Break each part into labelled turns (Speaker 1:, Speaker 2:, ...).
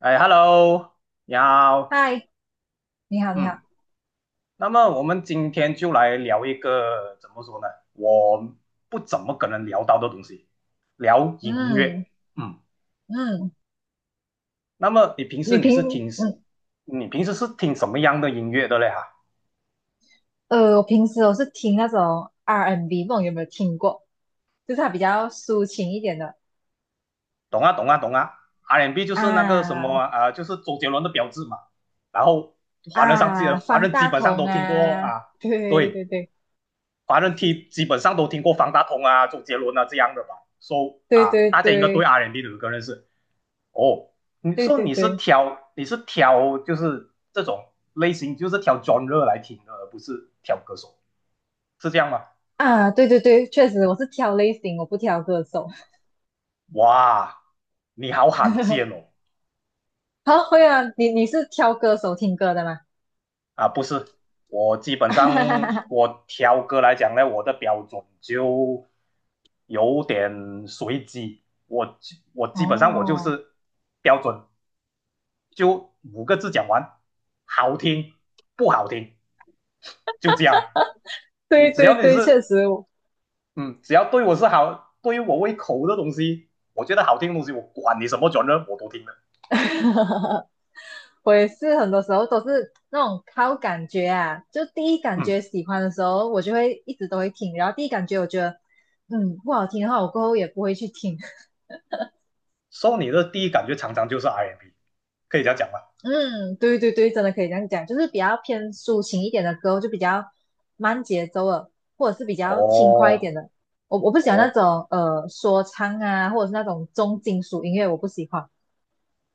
Speaker 1: 哎，Hello，你好，
Speaker 2: 嗨，你好，你好，
Speaker 1: 嗯，那么我们今天就来聊一个怎么说呢？我不怎么可能聊到的东西，聊音乐。
Speaker 2: 嗯
Speaker 1: 嗯，
Speaker 2: 嗯，
Speaker 1: 那么
Speaker 2: 你平嗯
Speaker 1: 你平时是听什么样的音乐的嘞？哈，
Speaker 2: 呃，我平时我是听那种 R&B，and B，不懂有没有听过？就是它比较抒情一点的
Speaker 1: 懂啊，懂啊，懂啊。R&B 就是那个什么
Speaker 2: 啊
Speaker 1: 啊、就是周杰伦的标志嘛。然后
Speaker 2: 啊，
Speaker 1: 华
Speaker 2: 方
Speaker 1: 人基
Speaker 2: 大
Speaker 1: 本上
Speaker 2: 同
Speaker 1: 都听过
Speaker 2: 啊，
Speaker 1: 啊，
Speaker 2: 对对
Speaker 1: 对，
Speaker 2: 对
Speaker 1: 华人听基本上都听过方大同啊、周杰伦啊这样的吧，so
Speaker 2: 对
Speaker 1: 啊，
Speaker 2: 对
Speaker 1: 大家应该对
Speaker 2: 对
Speaker 1: R&B and B 的歌认识哦。你
Speaker 2: 对
Speaker 1: 说
Speaker 2: 对
Speaker 1: 你是
Speaker 2: 对
Speaker 1: 挑你是挑就是这种类型，就是挑 genre 来听的，而不是挑歌手，是这样吗？
Speaker 2: 啊，对对对，确实我是挑类型，我不挑歌手。
Speaker 1: 哇，你好罕见 哦！
Speaker 2: 好，会啊，你是挑歌手听歌的吗？
Speaker 1: 啊，不是，我基本上 我挑歌来讲呢，我的标准就有点随机，我我基本上我就
Speaker 2: 哦，
Speaker 1: 是标准就五个字讲完，好听不好听就这样。你
Speaker 2: 对
Speaker 1: 只
Speaker 2: 对
Speaker 1: 要你
Speaker 2: 对，
Speaker 1: 是
Speaker 2: 确实我。
Speaker 1: 嗯，只要对我是好，对于我胃口的东西，我觉得好听的东西，我管你什么 g e 我都听的。
Speaker 2: 我也是很多时候都是那种靠感觉啊，就第一感
Speaker 1: 嗯
Speaker 2: 觉喜欢的时候，我就会一直都会听，然后第一感觉我觉得，不好听的话，我过后也不会去听。
Speaker 1: 说你的第一感觉常常就是 R&B，可以这样讲吗？
Speaker 2: 嗯，对对对，真的可以这样讲，就是比较偏抒情一点的歌，就比较慢节奏的，或者是比较轻快一
Speaker 1: 哦
Speaker 2: 点的。我不喜欢那
Speaker 1: 哦
Speaker 2: 种说唱啊，或者是那种重金属音乐，我不喜欢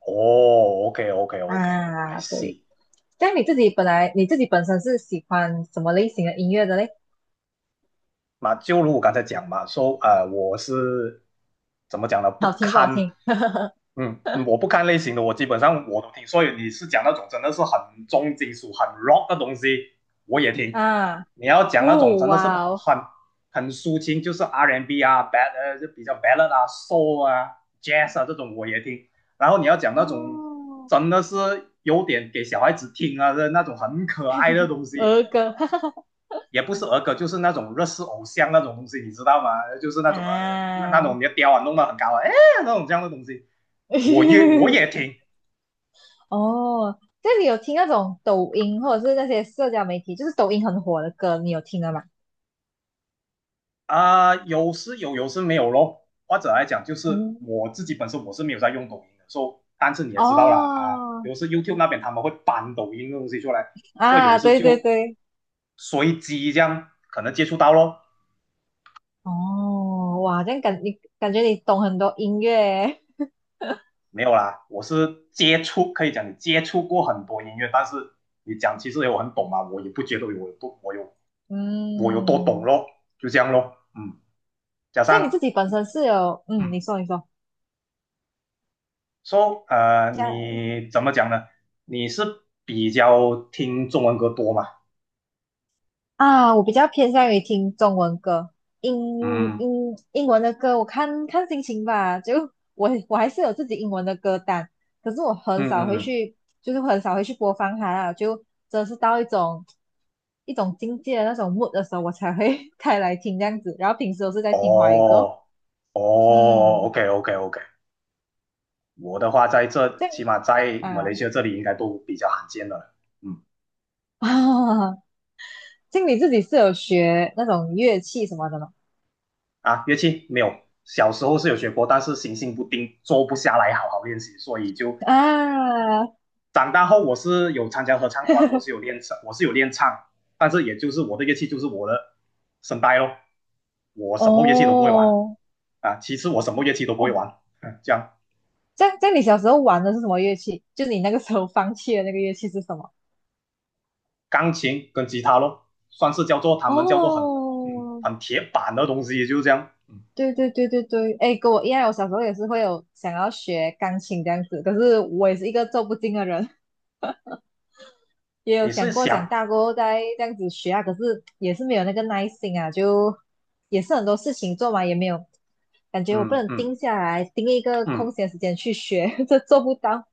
Speaker 1: 哦，OK OK OK，I
Speaker 2: 啊。对，
Speaker 1: see。
Speaker 2: 但你自己本身是喜欢什么类型的音乐的嘞？
Speaker 1: 那就如我刚才讲嘛，说我是怎么讲呢？
Speaker 2: 好
Speaker 1: 不
Speaker 2: 听不好
Speaker 1: 堪
Speaker 2: 听？
Speaker 1: 我不看类型的，我基本上我都听。所以你是讲那种真的是很重金属、很 rock 的东西，我也听。
Speaker 2: 啊，
Speaker 1: 你要讲那种
Speaker 2: 哦，
Speaker 1: 真的是很
Speaker 2: 哇哦，
Speaker 1: 很很抒情，就是 R&B 啊、就比较 ballad 啊、soul 啊、jazz 啊这种我也听。然后你要讲那种
Speaker 2: 哦，
Speaker 1: 真的是有点给小孩子听啊的那种很可爱的东西，
Speaker 2: 儿歌，哈哈哈，
Speaker 1: 也不是儿歌，就是那种日式偶像那种东西，你知道吗？就是那种啊，那
Speaker 2: 啊，
Speaker 1: 那种你的雕啊弄得很高啊，哎那种这样的东西，我也我 也听。
Speaker 2: 哦，这里有听那种抖音或者是那些社交媒体，就是抖音很火的歌，你有听了吗？
Speaker 1: 啊，有时有，有时没有咯。或者来讲，就是
Speaker 2: 嗯，
Speaker 1: 我自己本身我是没有在用抖音的，所以但是你也知道啦啊，
Speaker 2: 哦，
Speaker 1: 有时 YouTube 那边他们会搬抖音的东西出来，所以有
Speaker 2: 啊，
Speaker 1: 时
Speaker 2: 对对
Speaker 1: 就
Speaker 2: 对，
Speaker 1: 随机这样可能接触到咯。
Speaker 2: 哦，哇，这样你感觉你懂很多音乐耶
Speaker 1: 没有啦，我是接触，可以讲你接触过很多音乐，但是你讲其实我很懂嘛，我也不觉得我有多懂
Speaker 2: 嗯，
Speaker 1: 咯，就这样咯。嗯，加
Speaker 2: 像你自
Speaker 1: 上
Speaker 2: 己本身是有，嗯，
Speaker 1: 嗯，
Speaker 2: 你说你说。
Speaker 1: 说你怎么讲呢？你是比较听中文歌多吗？
Speaker 2: 啊，我比较偏向于听中文歌，英
Speaker 1: 嗯
Speaker 2: 英文的歌，我看看心情吧。就 我还是有自己英文的歌单，可是我很
Speaker 1: 嗯
Speaker 2: 少
Speaker 1: 嗯
Speaker 2: 会
Speaker 1: 嗯，
Speaker 2: 去，就是很少会去播放它啦。就真的是到一种境界的那种 mood 的时候，我才会 开来听这样子。然后平时都是在听华语歌，
Speaker 1: 哦哦
Speaker 2: 嗯，
Speaker 1: ，OK OK OK，我的话在这
Speaker 2: 这样
Speaker 1: 起码在马
Speaker 2: 啊
Speaker 1: 来西亚这里应该都比较罕见了。嗯
Speaker 2: 啊，经理自己是有学那种乐器什么的吗？
Speaker 1: 乐器没有，小时候是有学过，但是行性不定，坐不下来好好练习，所以就
Speaker 2: 啊，
Speaker 1: 长大后我是有参加合唱团，我是有练唱，但是也就是我的乐器就是我的声带咯，我什么乐器都不会玩
Speaker 2: 哦
Speaker 1: 啊，其实我什么乐器都不会
Speaker 2: 哦，
Speaker 1: 玩，这样
Speaker 2: 这样你小时候玩的是什么乐器？就你那个时候放弃的那个乐器是什么？
Speaker 1: 钢琴跟吉他咯，算是叫做他们叫做很嗯
Speaker 2: 哦，
Speaker 1: 很铁板的东西，就是这样，嗯，
Speaker 2: 对对对对对，哎，跟我一样，我小时候也是会有想要学钢琴这样子，可是我也是一个做不精的人，也有
Speaker 1: 你是
Speaker 2: 想过长
Speaker 1: 想
Speaker 2: 大过后再这样子学啊，可是也是没有那个耐心啊，就也是很多事情做嘛，也没有感觉我不
Speaker 1: 嗯
Speaker 2: 能
Speaker 1: 嗯
Speaker 2: 定下来，定一个空
Speaker 1: 嗯
Speaker 2: 闲时间去学，这做不到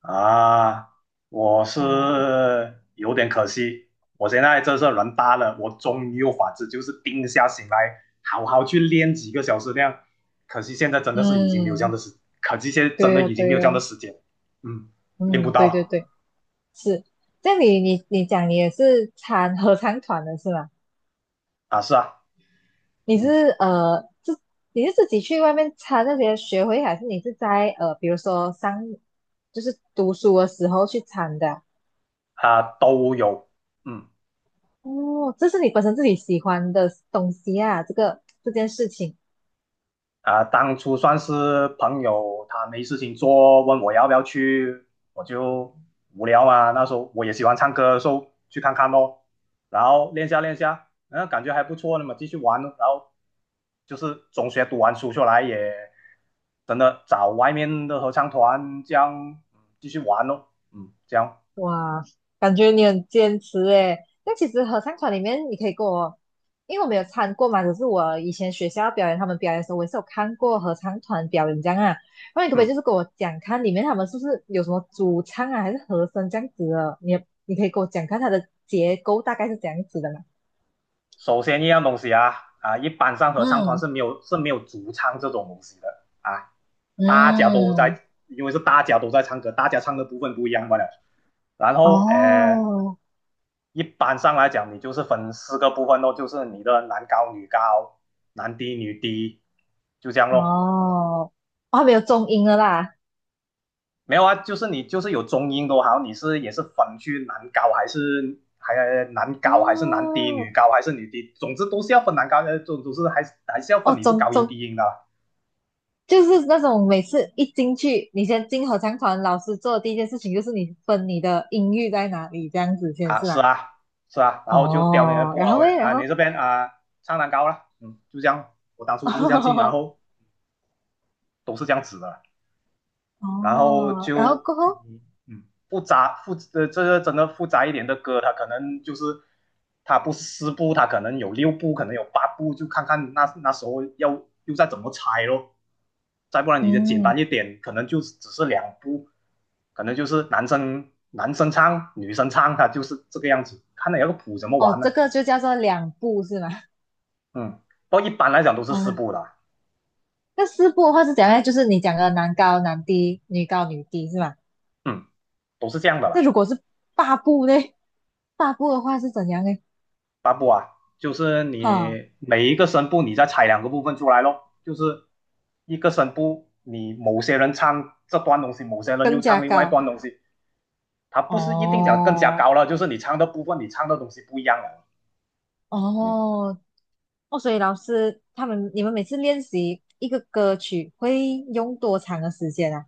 Speaker 1: 啊，我是
Speaker 2: 啊。
Speaker 1: 有点可惜，我现在这是人大了，我终于有法子，就是定下心来，好好去练几个小时那样。可惜现在真的是已经没有这样
Speaker 2: 嗯，
Speaker 1: 的时，可惜现在真
Speaker 2: 对
Speaker 1: 的
Speaker 2: 呀
Speaker 1: 已经没
Speaker 2: 对
Speaker 1: 有这样的
Speaker 2: 呀，
Speaker 1: 时间，嗯，练不
Speaker 2: 嗯，对对
Speaker 1: 到
Speaker 2: 对。是，这样你讲你也是参合唱团的是吗？
Speaker 1: 啊，是啊，
Speaker 2: 你是
Speaker 1: 嗯，
Speaker 2: 呃自你是自己去外面参那些学会，还是你是在比如说上就是读书的时候去参的啊
Speaker 1: 啊都有，嗯。
Speaker 2: 哦，这是你本身自己喜欢的东西啊，这个这件事情。
Speaker 1: 啊、当初算是朋友，他没事情做，问我要不要去，我就无聊嘛。那时候我也喜欢唱歌，说去看看咯，然后练下练下，感觉还不错，那嘛，继续玩咯。然后就是中学读完书出来也真的找外面的合唱团这样继续玩咯，嗯，这样，
Speaker 2: 哇，感觉你很坚持诶。那其实合唱团里面，你可以跟我，因为我没有参过嘛，只是我以前学校表演，他们表演的时候，我也是有看过合唱团表演这样啊。那你可不可以
Speaker 1: 嗯。
Speaker 2: 就是跟我讲看里面他们是不是有什么主唱啊，还是和声这样子的？你可以给我讲看它的结构大概是怎样子的嘛？
Speaker 1: 首先一样东西啊啊，一般上合唱团是
Speaker 2: 嗯
Speaker 1: 没有是没有主唱这种东西的啊，大家都在，
Speaker 2: 嗯，
Speaker 1: 因为是大家都在唱歌，大家唱的部分不一样罢了。然后
Speaker 2: 哦
Speaker 1: 一般上来讲，你就是分四个部分咯，就是你的男高女高、男低女低，就这样
Speaker 2: 哦，
Speaker 1: 咯。
Speaker 2: 哦，还没有中音了啦。
Speaker 1: 没有啊，就是你就是有中音都好，你是也是分去男高还是男低女
Speaker 2: 哦
Speaker 1: 高还是女低，总之都是要分男高，总是还是要
Speaker 2: 哦，
Speaker 1: 分你是高音低音的啊
Speaker 2: 就是那种每次一进去，你先进合唱团，老师做的第一件事情就是你分你的音域在哪里，这样子先
Speaker 1: 啊，
Speaker 2: 是
Speaker 1: 是
Speaker 2: 吗？
Speaker 1: 啊，是啊，然后就刁你的
Speaker 2: 哦，
Speaker 1: 不
Speaker 2: 然后
Speaker 1: 偶
Speaker 2: 诶，然
Speaker 1: 啊，你
Speaker 2: 后
Speaker 1: 这边啊唱蛋糕了，嗯，就这样，我当初就是这样进，然
Speaker 2: 哦
Speaker 1: 后都是这样子的，然后
Speaker 2: 哦然后
Speaker 1: 就
Speaker 2: 过后，
Speaker 1: 嗯嗯复杂复呃这个真的复杂一点的歌，它可能就是它不是四部，它可能有六部，可能有八部，就看看那时候要又再怎么拆咯，再不然你就简单
Speaker 2: 嗯，
Speaker 1: 一点，可能就只是两部，可能就是男生唱，女生唱，它就是这个样子，看你要个谱怎么
Speaker 2: 哦，
Speaker 1: 玩呢？
Speaker 2: 这个就叫做两步是吗？
Speaker 1: 嗯，不过一般来讲都是
Speaker 2: 哦，
Speaker 1: 四步的，
Speaker 2: 那四步的话是怎样呢？就是你讲的男高男低，女高女低是吗？
Speaker 1: 嗯，都是这样的
Speaker 2: 那
Speaker 1: 啦，
Speaker 2: 如果是八步呢？八步的话是怎样呢？
Speaker 1: 八步啊，就是
Speaker 2: 哈，
Speaker 1: 你每一个声部你再拆两个部分出来咯，就是一个声部，你某些人唱这段东西，某些人又
Speaker 2: 更加
Speaker 1: 唱另外一
Speaker 2: 高。
Speaker 1: 段东西，它不是一定讲更加
Speaker 2: 哦
Speaker 1: 高了，就是你唱的部分，你唱的东西不一样了，嗯，
Speaker 2: 哦，哦，所以老师他们，你们每次练习一个歌曲会用多长的时间啊？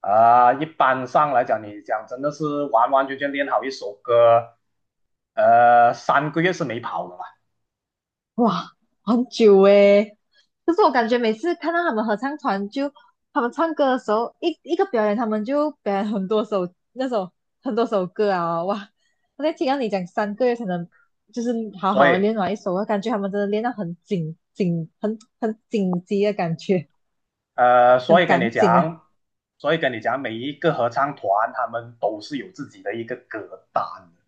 Speaker 1: 啊、一般上来讲，你讲真的是完完全全练好一首歌，3个月是没跑的啦，
Speaker 2: 哇，很久诶。可是我感觉每次看到他们合唱团就，他们唱歌的时候，一个表演，他们就表演很多首歌啊，哇！我在听到你讲3个月才能就是好
Speaker 1: 所
Speaker 2: 好的
Speaker 1: 以
Speaker 2: 练完一首，我感觉他们真的练到很紧紧，很紧急的感觉，
Speaker 1: 呃，所
Speaker 2: 很
Speaker 1: 以跟你
Speaker 2: 赶紧啊。
Speaker 1: 讲，所以跟你讲，每一个合唱团他们都是有自己的一个歌单的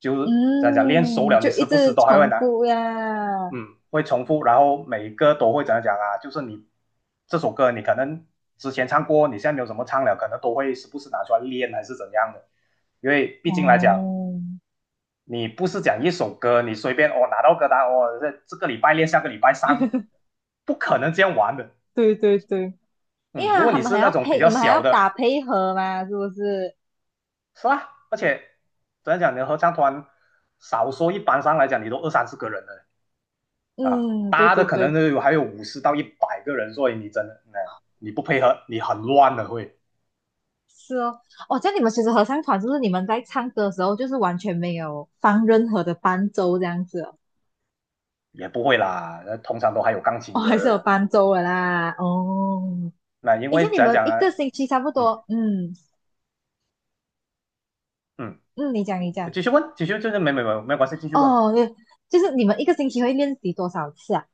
Speaker 1: 就是怎样讲，练熟
Speaker 2: 嗯，
Speaker 1: 了，你
Speaker 2: 就
Speaker 1: 时
Speaker 2: 一
Speaker 1: 不时
Speaker 2: 直
Speaker 1: 都还会
Speaker 2: 重
Speaker 1: 拿，
Speaker 2: 复呀。
Speaker 1: 嗯，会重复，然后每一个都会怎样讲啊，就是你这首歌你可能之前唱过，你现在没有怎么唱了，可能都会时不时拿出来练还是怎样的，因为毕竟来讲，
Speaker 2: 哦，
Speaker 1: 你不是讲一首歌，你随便哦拿到歌单哦，这个礼拜练，下个礼拜上，不可能这样玩的，
Speaker 2: 对对对，因
Speaker 1: 嗯，
Speaker 2: 为
Speaker 1: 如果
Speaker 2: 他
Speaker 1: 你
Speaker 2: 们
Speaker 1: 是
Speaker 2: 还
Speaker 1: 那
Speaker 2: 要
Speaker 1: 种比
Speaker 2: 配，
Speaker 1: 较
Speaker 2: 你们还要
Speaker 1: 小
Speaker 2: 打
Speaker 1: 的。
Speaker 2: 配合嘛，是不是？
Speaker 1: 是啊，而且怎样讲，你的合唱团少说一般上来讲，你都二三十个人了啊，
Speaker 2: 嗯，对
Speaker 1: 大的
Speaker 2: 对
Speaker 1: 可能
Speaker 2: 对，
Speaker 1: 都有还有50到100个人，所以你真的，嗯，你不配合，你很乱的会，
Speaker 2: 是哦，哦，这样你们其实合唱团是不是你们在唱歌的时候，就是完全没有放任何的伴奏这样子哦，
Speaker 1: 也不会啦，通常都还有钢琴
Speaker 2: 哦，
Speaker 1: 的，
Speaker 2: 还是有伴奏的啦，哦，
Speaker 1: 那因
Speaker 2: 诶，像
Speaker 1: 为
Speaker 2: 你
Speaker 1: 怎样
Speaker 2: 们
Speaker 1: 讲呢？
Speaker 2: 一个星期差不
Speaker 1: 嗯
Speaker 2: 多，嗯
Speaker 1: 嗯，
Speaker 2: 嗯，你讲你讲，
Speaker 1: 继续问，继续就是没关系，继续问，
Speaker 2: 哦，对，就是你们一个星期会练习多少次啊？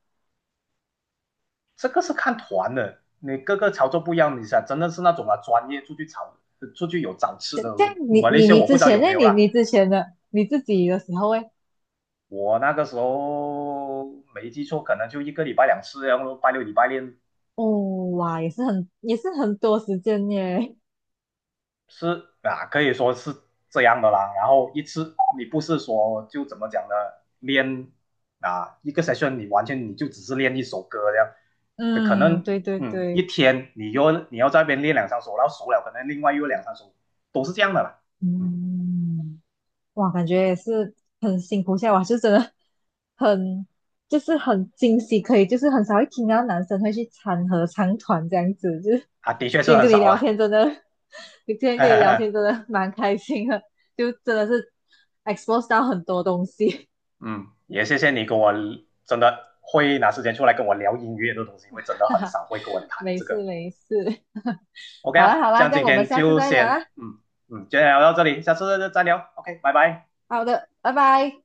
Speaker 1: 这个是看团的，你各个操作不一样，你想真的是那种啊专业出去炒出去有找吃
Speaker 2: 这
Speaker 1: 的，
Speaker 2: 这样
Speaker 1: 我
Speaker 2: 你
Speaker 1: 马来
Speaker 2: 你
Speaker 1: 西亚
Speaker 2: 你
Speaker 1: 我不
Speaker 2: 之
Speaker 1: 知道
Speaker 2: 前
Speaker 1: 有没
Speaker 2: 那
Speaker 1: 有
Speaker 2: 你
Speaker 1: 啦。
Speaker 2: 你之前的你自己的时候诶，
Speaker 1: 我那个时候没记错，可能就一个礼拜两次，然后拜六礼拜练
Speaker 2: 哦，哇，也是很多时间耶。
Speaker 1: 是啊，可以说是这样的啦。然后一次你不是说就怎么讲呢？练啊一个 session 你完全你就只是练一首歌这样，可
Speaker 2: 嗯，
Speaker 1: 能
Speaker 2: 对对
Speaker 1: 一
Speaker 2: 对，
Speaker 1: 天你要在那边练两三首，然后熟了可能另外又两三首，都是这样的啦。嗯
Speaker 2: 嗯，哇，感觉也是很辛苦下来，哇，很就是很惊喜，可以就是很少会听到男生会去参合唱团这样子，就是
Speaker 1: 啊，的确是
Speaker 2: 今天
Speaker 1: 很
Speaker 2: 跟你
Speaker 1: 少
Speaker 2: 聊
Speaker 1: 啦。
Speaker 2: 天真的，今天跟你聊天真 的蛮开心的，就真的是 expose 到很多东西，
Speaker 1: 嗯，也谢谢你跟我真的会拿时间出来跟我聊音乐的东西，因为真 的
Speaker 2: 哈
Speaker 1: 很
Speaker 2: 哈，
Speaker 1: 少会跟我谈
Speaker 2: 没
Speaker 1: 这
Speaker 2: 事
Speaker 1: 个。
Speaker 2: 没事，
Speaker 1: OK
Speaker 2: 好啦
Speaker 1: 啦，
Speaker 2: 好
Speaker 1: 这
Speaker 2: 啦，
Speaker 1: 样
Speaker 2: 这样
Speaker 1: 今
Speaker 2: 我们
Speaker 1: 天
Speaker 2: 下次
Speaker 1: 就
Speaker 2: 再聊
Speaker 1: 先
Speaker 2: 啦，
Speaker 1: 今就聊到这里，下次再聊。OK，拜拜。
Speaker 2: 好的，拜拜。